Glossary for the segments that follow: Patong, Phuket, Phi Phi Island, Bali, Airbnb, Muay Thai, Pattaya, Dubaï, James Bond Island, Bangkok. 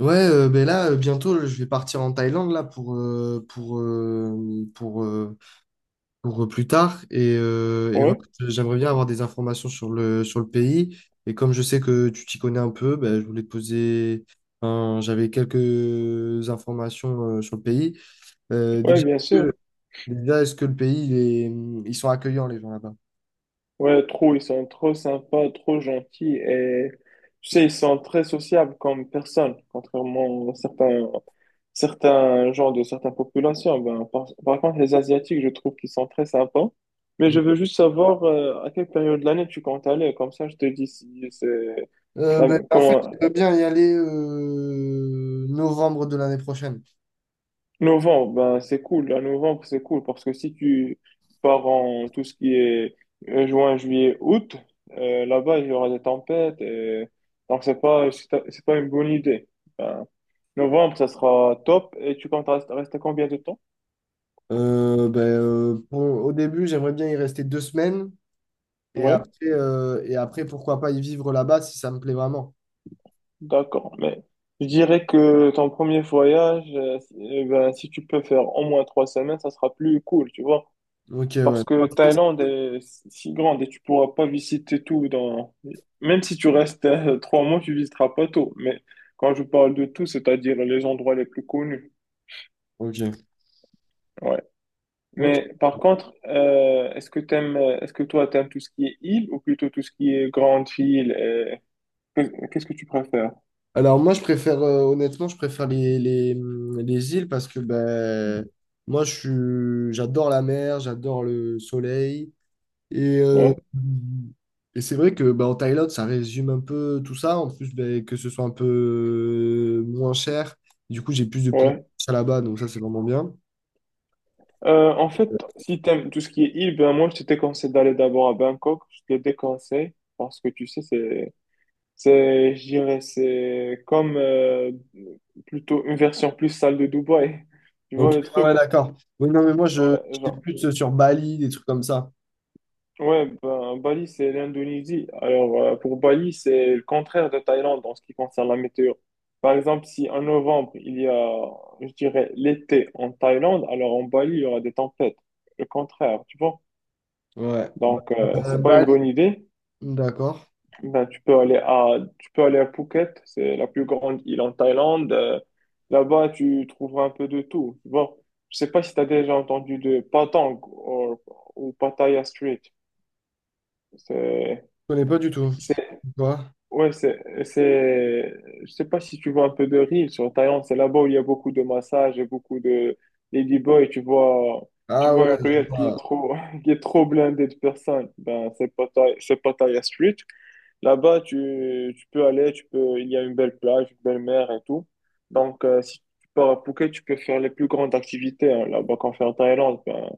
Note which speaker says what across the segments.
Speaker 1: Bientôt, je vais partir en Thaïlande là pour plus tard et et voilà,
Speaker 2: Ouais,
Speaker 1: j'aimerais bien avoir des informations sur le pays et comme je sais que tu t'y connais un peu, ben, je voulais te poser, j'avais quelques informations sur le pays. Euh,
Speaker 2: ouais,
Speaker 1: déjà,
Speaker 2: bien
Speaker 1: est-ce
Speaker 2: sûr.
Speaker 1: que, déjà, est-ce que le pays ils sont accueillants les gens là-bas?
Speaker 2: Ouais, trop, ils sont trop sympas, trop gentils et tu sais, ils sont très sociables comme personnes, contrairement à certains, genres de certaines populations. Ben, par contre, les Asiatiques, je trouve qu'ils sont très sympas. Mais je veux juste savoir à quelle période de l'année tu comptes aller, comme ça je te dis si c'est
Speaker 1: Euh,
Speaker 2: la-
Speaker 1: ben, en fait,
Speaker 2: comment-
Speaker 1: j'aimerais bien y aller novembre de l'année prochaine.
Speaker 2: Novembre, ben c'est cool. À novembre, c'est cool parce que si tu pars en tout ce qui est juin, juillet, août, là-bas, il y aura des tempêtes. Donc, c'est pas une bonne idée. Ben, novembre, ça sera top. Et tu comptes rester, combien de temps?
Speaker 1: Au début, j'aimerais bien y rester 2 semaines et après,
Speaker 2: Oui,
Speaker 1: et après pourquoi pas y vivre là-bas si ça me plaît vraiment.
Speaker 2: d'accord. Mais je dirais que ton premier voyage, si eh ben, si tu peux faire au moins 3 semaines, ça sera plus cool, tu vois.
Speaker 1: Ok, ouais.
Speaker 2: Parce
Speaker 1: Trois
Speaker 2: que
Speaker 1: semaines.
Speaker 2: Thaïlande est si grande et tu pourras pas visiter tout. Dans... Même si tu restes 3 mois, tu visiteras pas tout. Mais quand je parle de tout, c'est-à-dire les endroits les plus connus.
Speaker 1: Ok.
Speaker 2: Ouais.
Speaker 1: Ok.
Speaker 2: Mais par contre, est-ce que toi, t'aimes tout ce qui est île ou plutôt tout ce qui est grande île. Et... Qu'est-ce que tu préfères?
Speaker 1: Alors moi, je préfère, honnêtement, je préfère les îles parce que ben, moi, j'adore la mer, j'adore le soleil. Et, euh,
Speaker 2: Ouais.
Speaker 1: et c'est vrai que ben, en Thaïlande, ça résume un peu tout ça. En plus, ben, que ce soit un peu moins cher. Du coup, j'ai plus de pouvoir
Speaker 2: Ouais.
Speaker 1: d'achat là-bas, donc ça, c'est vraiment bien.
Speaker 2: En fait, si t'aimes tout ce qui est île, ben moi, je te déconseille d'aller d'abord à Bangkok. Je te déconseille parce que tu sais, c'est, je dirais, c'est comme plutôt une version plus sale de Dubaï. Tu
Speaker 1: Ok,
Speaker 2: vois le
Speaker 1: ouais,
Speaker 2: truc?
Speaker 1: ouais, d'accord. Oui, non, mais moi, je
Speaker 2: Ouais,
Speaker 1: j'étais
Speaker 2: genre,
Speaker 1: plus sur Bali, des trucs comme ça.
Speaker 2: ouais, ben, Bali, c'est l'Indonésie. Alors, pour Bali, c'est le contraire de Thaïlande en ce qui concerne la météo. Par exemple, si en novembre, il y a, je dirais, l'été en Thaïlande, alors en Bali, il y aura des tempêtes. Le contraire, tu vois?
Speaker 1: Ouais.
Speaker 2: Donc, c'est pas une
Speaker 1: Bali,
Speaker 2: bonne idée.
Speaker 1: d'accord.
Speaker 2: Ben, tu peux aller à Phuket, c'est la plus grande île en Thaïlande. Là-bas, tu trouveras un peu de tout. Bon, je sais pas si tu as déjà entendu de Patong ou Pattaya Street. C'est,
Speaker 1: Je connais pas du tout.
Speaker 2: c'est,
Speaker 1: Quoi?
Speaker 2: ouais, je sais pas si tu vois un peu de riz sur Thaïlande. C'est là-bas où il y a beaucoup de massages et beaucoup de ladyboys. Tu vois, tu
Speaker 1: Ah
Speaker 2: vois
Speaker 1: ouais,
Speaker 2: une
Speaker 1: je
Speaker 2: ruelle qui
Speaker 1: vois.
Speaker 2: est trop, qui est trop blindée de personnes. Ben, c'est Pattaya Street. Là-bas, tu peux aller, il y a une belle plage, une belle mer et tout. Donc, si tu pars à Phuket, tu peux faire les plus grandes activités hein, là-bas qu'on fait en Thaïlande, ben,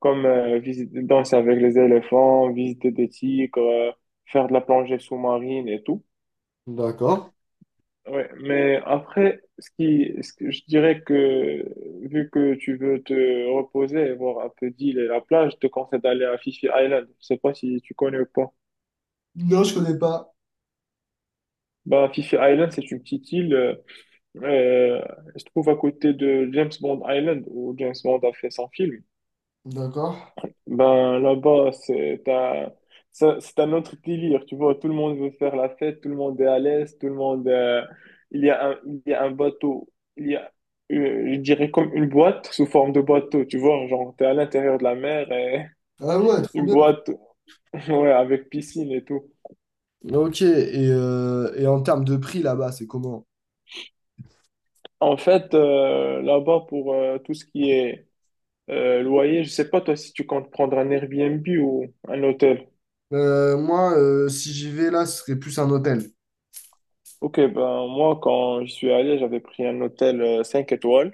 Speaker 2: comme visiter, danser avec les éléphants, visiter des tigres, faire de la plongée sous-marine et tout.
Speaker 1: D'accord.
Speaker 2: Ouais, mais après, ce que je dirais, que vu que tu veux te reposer et voir un peu d'île et la plage, je te conseille d'aller à Phi Phi Island. Je sais pas si tu connais ou pas.
Speaker 1: Non, je connais pas.
Speaker 2: Bah, Phi Phi Island, c'est une petite île. Euh, je trouve, à côté de James Bond Island où James Bond a fait son film.
Speaker 1: D'accord.
Speaker 2: Ben là-bas, c'est un autre délire, tu vois. Tout le monde veut faire la fête, tout le monde est à l'aise. Tout le monde. Il y a un, Il y a un bateau, il y a, je dirais comme une boîte sous forme de bateau, tu vois. Genre, t'es à l'intérieur de la mer et
Speaker 1: Ah ouais, trop
Speaker 2: une
Speaker 1: bien.
Speaker 2: boîte, ouais, avec piscine et tout.
Speaker 1: Ok, et, et en termes de prix là-bas, c'est comment?
Speaker 2: En fait, là-bas, pour tout ce qui est loyer, je sais pas toi si tu comptes prendre un Airbnb ou un hôtel.
Speaker 1: Moi, si j'y vais là, ce serait plus un hôtel.
Speaker 2: Ok, ben moi quand je suis allé, j'avais pris un hôtel 5 étoiles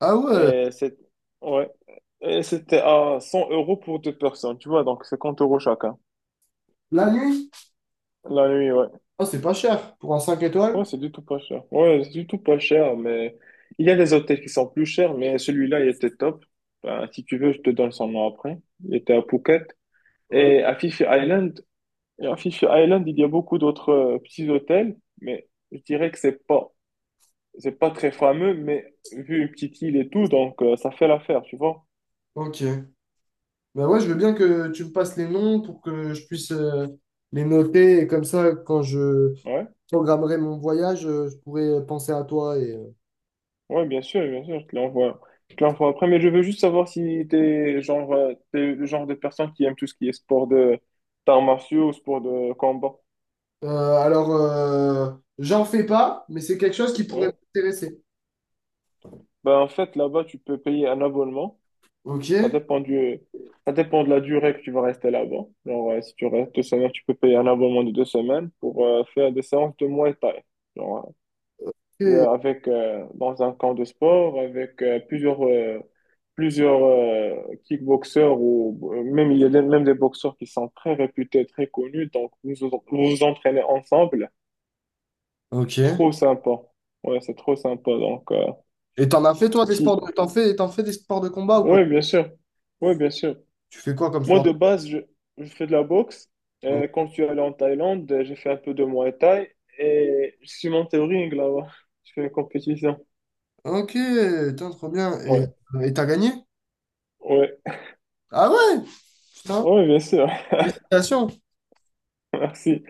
Speaker 1: Ah ouais,
Speaker 2: et c'est ouais, et c'était à 100 € pour deux personnes, tu vois, donc 50 € chacun.
Speaker 1: la nuit?
Speaker 2: La nuit, ouais.
Speaker 1: Oh, c'est pas cher pour un 5 étoiles?
Speaker 2: Ouais, c'est du tout pas cher. Ouais, c'est du tout pas cher, mais il y a des hôtels qui sont plus chers, mais celui-là, il était top. Ben, si tu veux, je te donne son nom après. Il était à Phuket.
Speaker 1: Ouais.
Speaker 2: Et à Fifi Island, Et à Fisher Island, il y a beaucoup d'autres petits hôtels, mais je dirais que c'est pas très fameux, mais vu une petite île et tout, donc ça fait l'affaire, tu vois.
Speaker 1: Ok. Bah ouais, je veux bien que tu me passes les noms pour que je puisse les noter et comme ça, quand je
Speaker 2: Ouais,
Speaker 1: programmerai mon voyage, je pourrai penser à toi. Et, euh,
Speaker 2: ouais, bien sûr, je te l'envoie. Je te l'envoie après, mais je veux juste savoir si t'es genre, t'es le genre de personne qui aime tout ce qui est sport de d'arts martiaux ou sport de combat.
Speaker 1: euh, alors, euh, j'en fais pas, mais c'est quelque chose qui pourrait
Speaker 2: Ouais.
Speaker 1: m'intéresser.
Speaker 2: Ben, en fait, là-bas, tu peux payer un abonnement. Ça
Speaker 1: Ok.
Speaker 2: dépend du, Ça dépend de la durée que tu vas rester là-bas. Genre, si tu restes 2 semaines, tu peux payer un abonnement de 2 semaines pour faire des séances de Muay Thai. Genre, ouais.
Speaker 1: Et-
Speaker 2: Avec, dans un camp de sport, avec plusieurs kickboxeurs ou même, il y a des- même des boxeurs qui sont très réputés, très connus. Donc, vous vous entraînez ensemble.
Speaker 1: Ok.
Speaker 2: Trop sympa. Ouais, c'est trop sympa. Donc,
Speaker 1: Et t'en as fait toi des sports
Speaker 2: si,
Speaker 1: de... t'en fais des sports de combat ou pas?
Speaker 2: ouais, bien sûr. Ouais, bien sûr.
Speaker 1: Tu fais quoi comme
Speaker 2: Moi,
Speaker 1: sport de...
Speaker 2: de base, je fais de la boxe.
Speaker 1: Oh.
Speaker 2: Quand je suis allé en Thaïlande, j'ai fait un peu de Muay Thai et je suis monté au ring là-bas. Je fais une compétition.
Speaker 1: Ok, putain, trop bien.
Speaker 2: Ouais,
Speaker 1: Et t'as gagné?
Speaker 2: ouais,
Speaker 1: Ah ouais, putain,
Speaker 2: ouais, bien sûr.
Speaker 1: félicitations.
Speaker 2: Merci.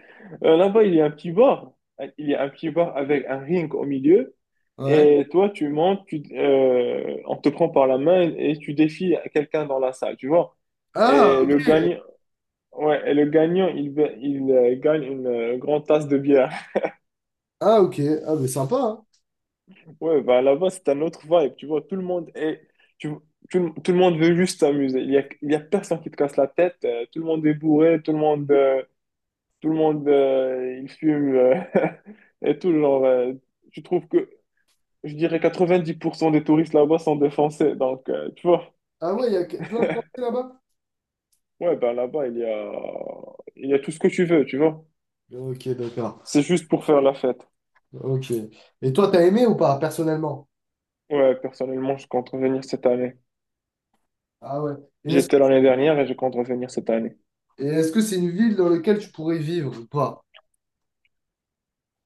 Speaker 2: Là-bas, il y a un petit bar. Il y a un petit bar avec un ring au milieu.
Speaker 1: Ouais.
Speaker 2: Et toi, tu montes, on te prend par la main et tu défies quelqu'un dans la salle, tu vois.
Speaker 1: Ah,
Speaker 2: Et le gagnant, ouais, et le gagnant, il gagne une grande tasse de bière.
Speaker 1: ah ok. Ah mais sympa, hein.
Speaker 2: Ouais, bah là-bas, c'est un autre vibe, tu vois, tu, tout le monde veut juste s'amuser. Il y a personne qui te casse la tête, tout le monde est bourré, il fume, et tout, genre, tu trouves que, je dirais, 90% des touristes là-bas sont des Français, donc, tu vois,
Speaker 1: Ah ouais, il y a plein de Français là-bas.
Speaker 2: ouais, bah là-bas, il y a tout ce que tu veux, tu vois.
Speaker 1: Ok, d'accord.
Speaker 2: C'est juste pour faire la fête.
Speaker 1: Ok. Et toi, t'as aimé ou pas, personnellement?
Speaker 2: Ouais, personnellement, je compte revenir cette année.
Speaker 1: Ah ouais. Et est-ce,
Speaker 2: J'étais l'année dernière et je compte revenir cette année.
Speaker 1: et est-ce que c'est une ville dans laquelle tu pourrais vivre ou pas?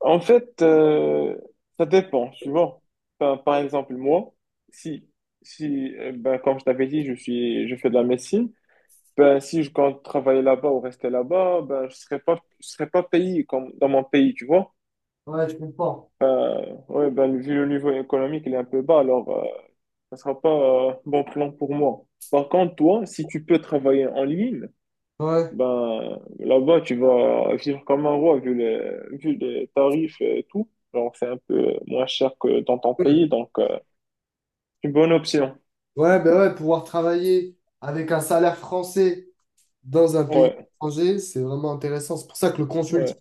Speaker 2: En fait, ça dépend, tu vois. Enfin, par exemple, moi, si, si ben, comme je t'avais dit, je fais de la médecine, ben, si je compte travailler là-bas ou rester là-bas, ben, je serais pas payé comme dans mon pays, tu vois.
Speaker 1: Ouais, je comprends.
Speaker 2: Ouais, ben, vu le niveau économique, il est un peu bas, alors ça sera pas bon plan pour moi. Par contre, toi, si tu peux travailler en ligne,
Speaker 1: Ouais.
Speaker 2: ben, là-bas, tu vas vivre comme un roi vu les tarifs et tout. Genre, c'est un peu moins cher que dans ton pays, donc une bonne option.
Speaker 1: Ouais, ben ouais, pouvoir travailler avec un salaire français dans un pays
Speaker 2: Ouais,
Speaker 1: étranger, c'est vraiment intéressant. C'est pour ça que le consulting,
Speaker 2: ouais,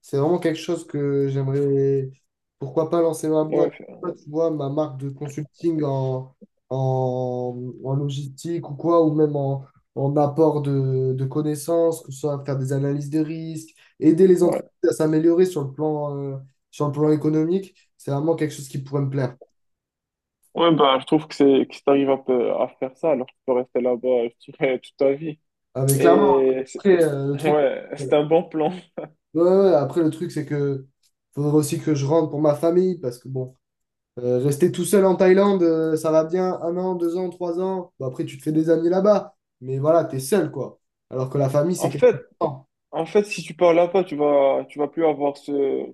Speaker 1: c'est vraiment quelque chose que j'aimerais, pourquoi pas lancer ma boîte,
Speaker 2: ouais,
Speaker 1: tu vois, ma marque de consulting en, en logistique ou quoi, ou même en apport de connaissances, que ce soit faire des analyses de risques, aider les entreprises
Speaker 2: ouais.
Speaker 1: à s'améliorer sur le plan économique. C'est vraiment quelque chose qui pourrait me plaire.
Speaker 2: Ouais, ben, je trouve que c'est que si t'arrives un peu à faire ça, alors tu peux rester là-bas, je dirais, toute ta vie.
Speaker 1: Avec clairement,
Speaker 2: Et c'est-
Speaker 1: après, euh, le truc.
Speaker 2: ouais,
Speaker 1: euh,
Speaker 2: c'est un bon plan.
Speaker 1: Ouais, ouais, ouais. Après, le truc, c'est que faudrait aussi que je rentre pour ma famille parce que bon, rester tout seul en Thaïlande, ça va bien 1 an, 2 ans, 3 ans. Bon, après, tu te fais des amis là-bas, mais voilà, t'es seul quoi. Alors que la famille, c'est
Speaker 2: En
Speaker 1: quelque
Speaker 2: fait,
Speaker 1: temps.
Speaker 2: En fait, si tu pars là-bas, tu vas plus avoir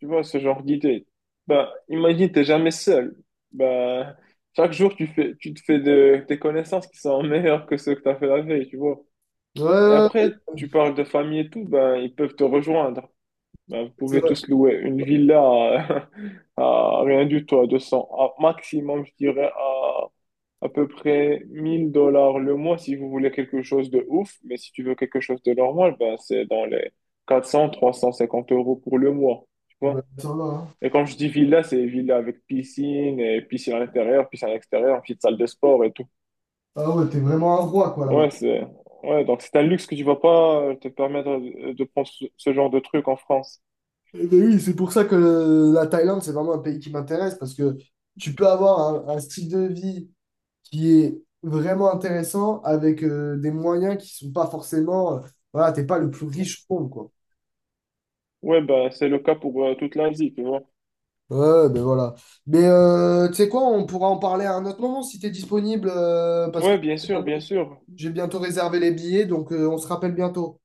Speaker 2: tu vois, ce genre d'idée. Bah, imagine, t'es jamais seul. Bah, chaque jour, tu te fais des connaissances qui sont meilleures que ceux que t'as fait la veille, tu vois.
Speaker 1: Ouais,
Speaker 2: Et
Speaker 1: ouais, ouais,
Speaker 2: après, tu parles de famille et tout, ben, ils peuvent te rejoindre. Ben, vous
Speaker 1: c'est
Speaker 2: pouvez
Speaker 1: vrai.
Speaker 2: tous louer une villa à, à rien du tout, à 200, à maximum, je dirais, à peu près 1 000 dollars le mois si vous voulez quelque chose de ouf. Mais si tu veux quelque chose de normal, ben, c'est dans les 400, 350 € pour le mois, tu
Speaker 1: Bah,
Speaker 2: vois.
Speaker 1: ça va, hein.
Speaker 2: Et quand je dis villa, c'est villa avec piscine, et piscine à l'intérieur, piscine à l'extérieur, petite salle de sport et tout.
Speaker 1: Ah ouais, t'es vraiment un roi quoi là-bas.
Speaker 2: Ouais, ouais, donc c'est un luxe que tu vas pas te permettre de prendre ce genre de truc en France.
Speaker 1: Eh ben oui, c'est pour ça que la Thaïlande, c'est vraiment un pays qui m'intéresse parce que tu peux avoir un style de vie qui est vraiment intéressant avec des moyens qui sont pas forcément. Voilà, t'es pas le plus riche au monde, quoi.
Speaker 2: Ouais, bah, c'est le cas pour toute l'Asie, tu vois.
Speaker 1: Ouais, ben voilà. Mais tu sais quoi, on pourra en parler à un autre moment si t'es disponible, parce que
Speaker 2: Ouais, bien
Speaker 1: j'ai
Speaker 2: sûr,
Speaker 1: bientôt
Speaker 2: bien sûr.
Speaker 1: j'ai bientôt réservé les billets, donc on se rappelle bientôt.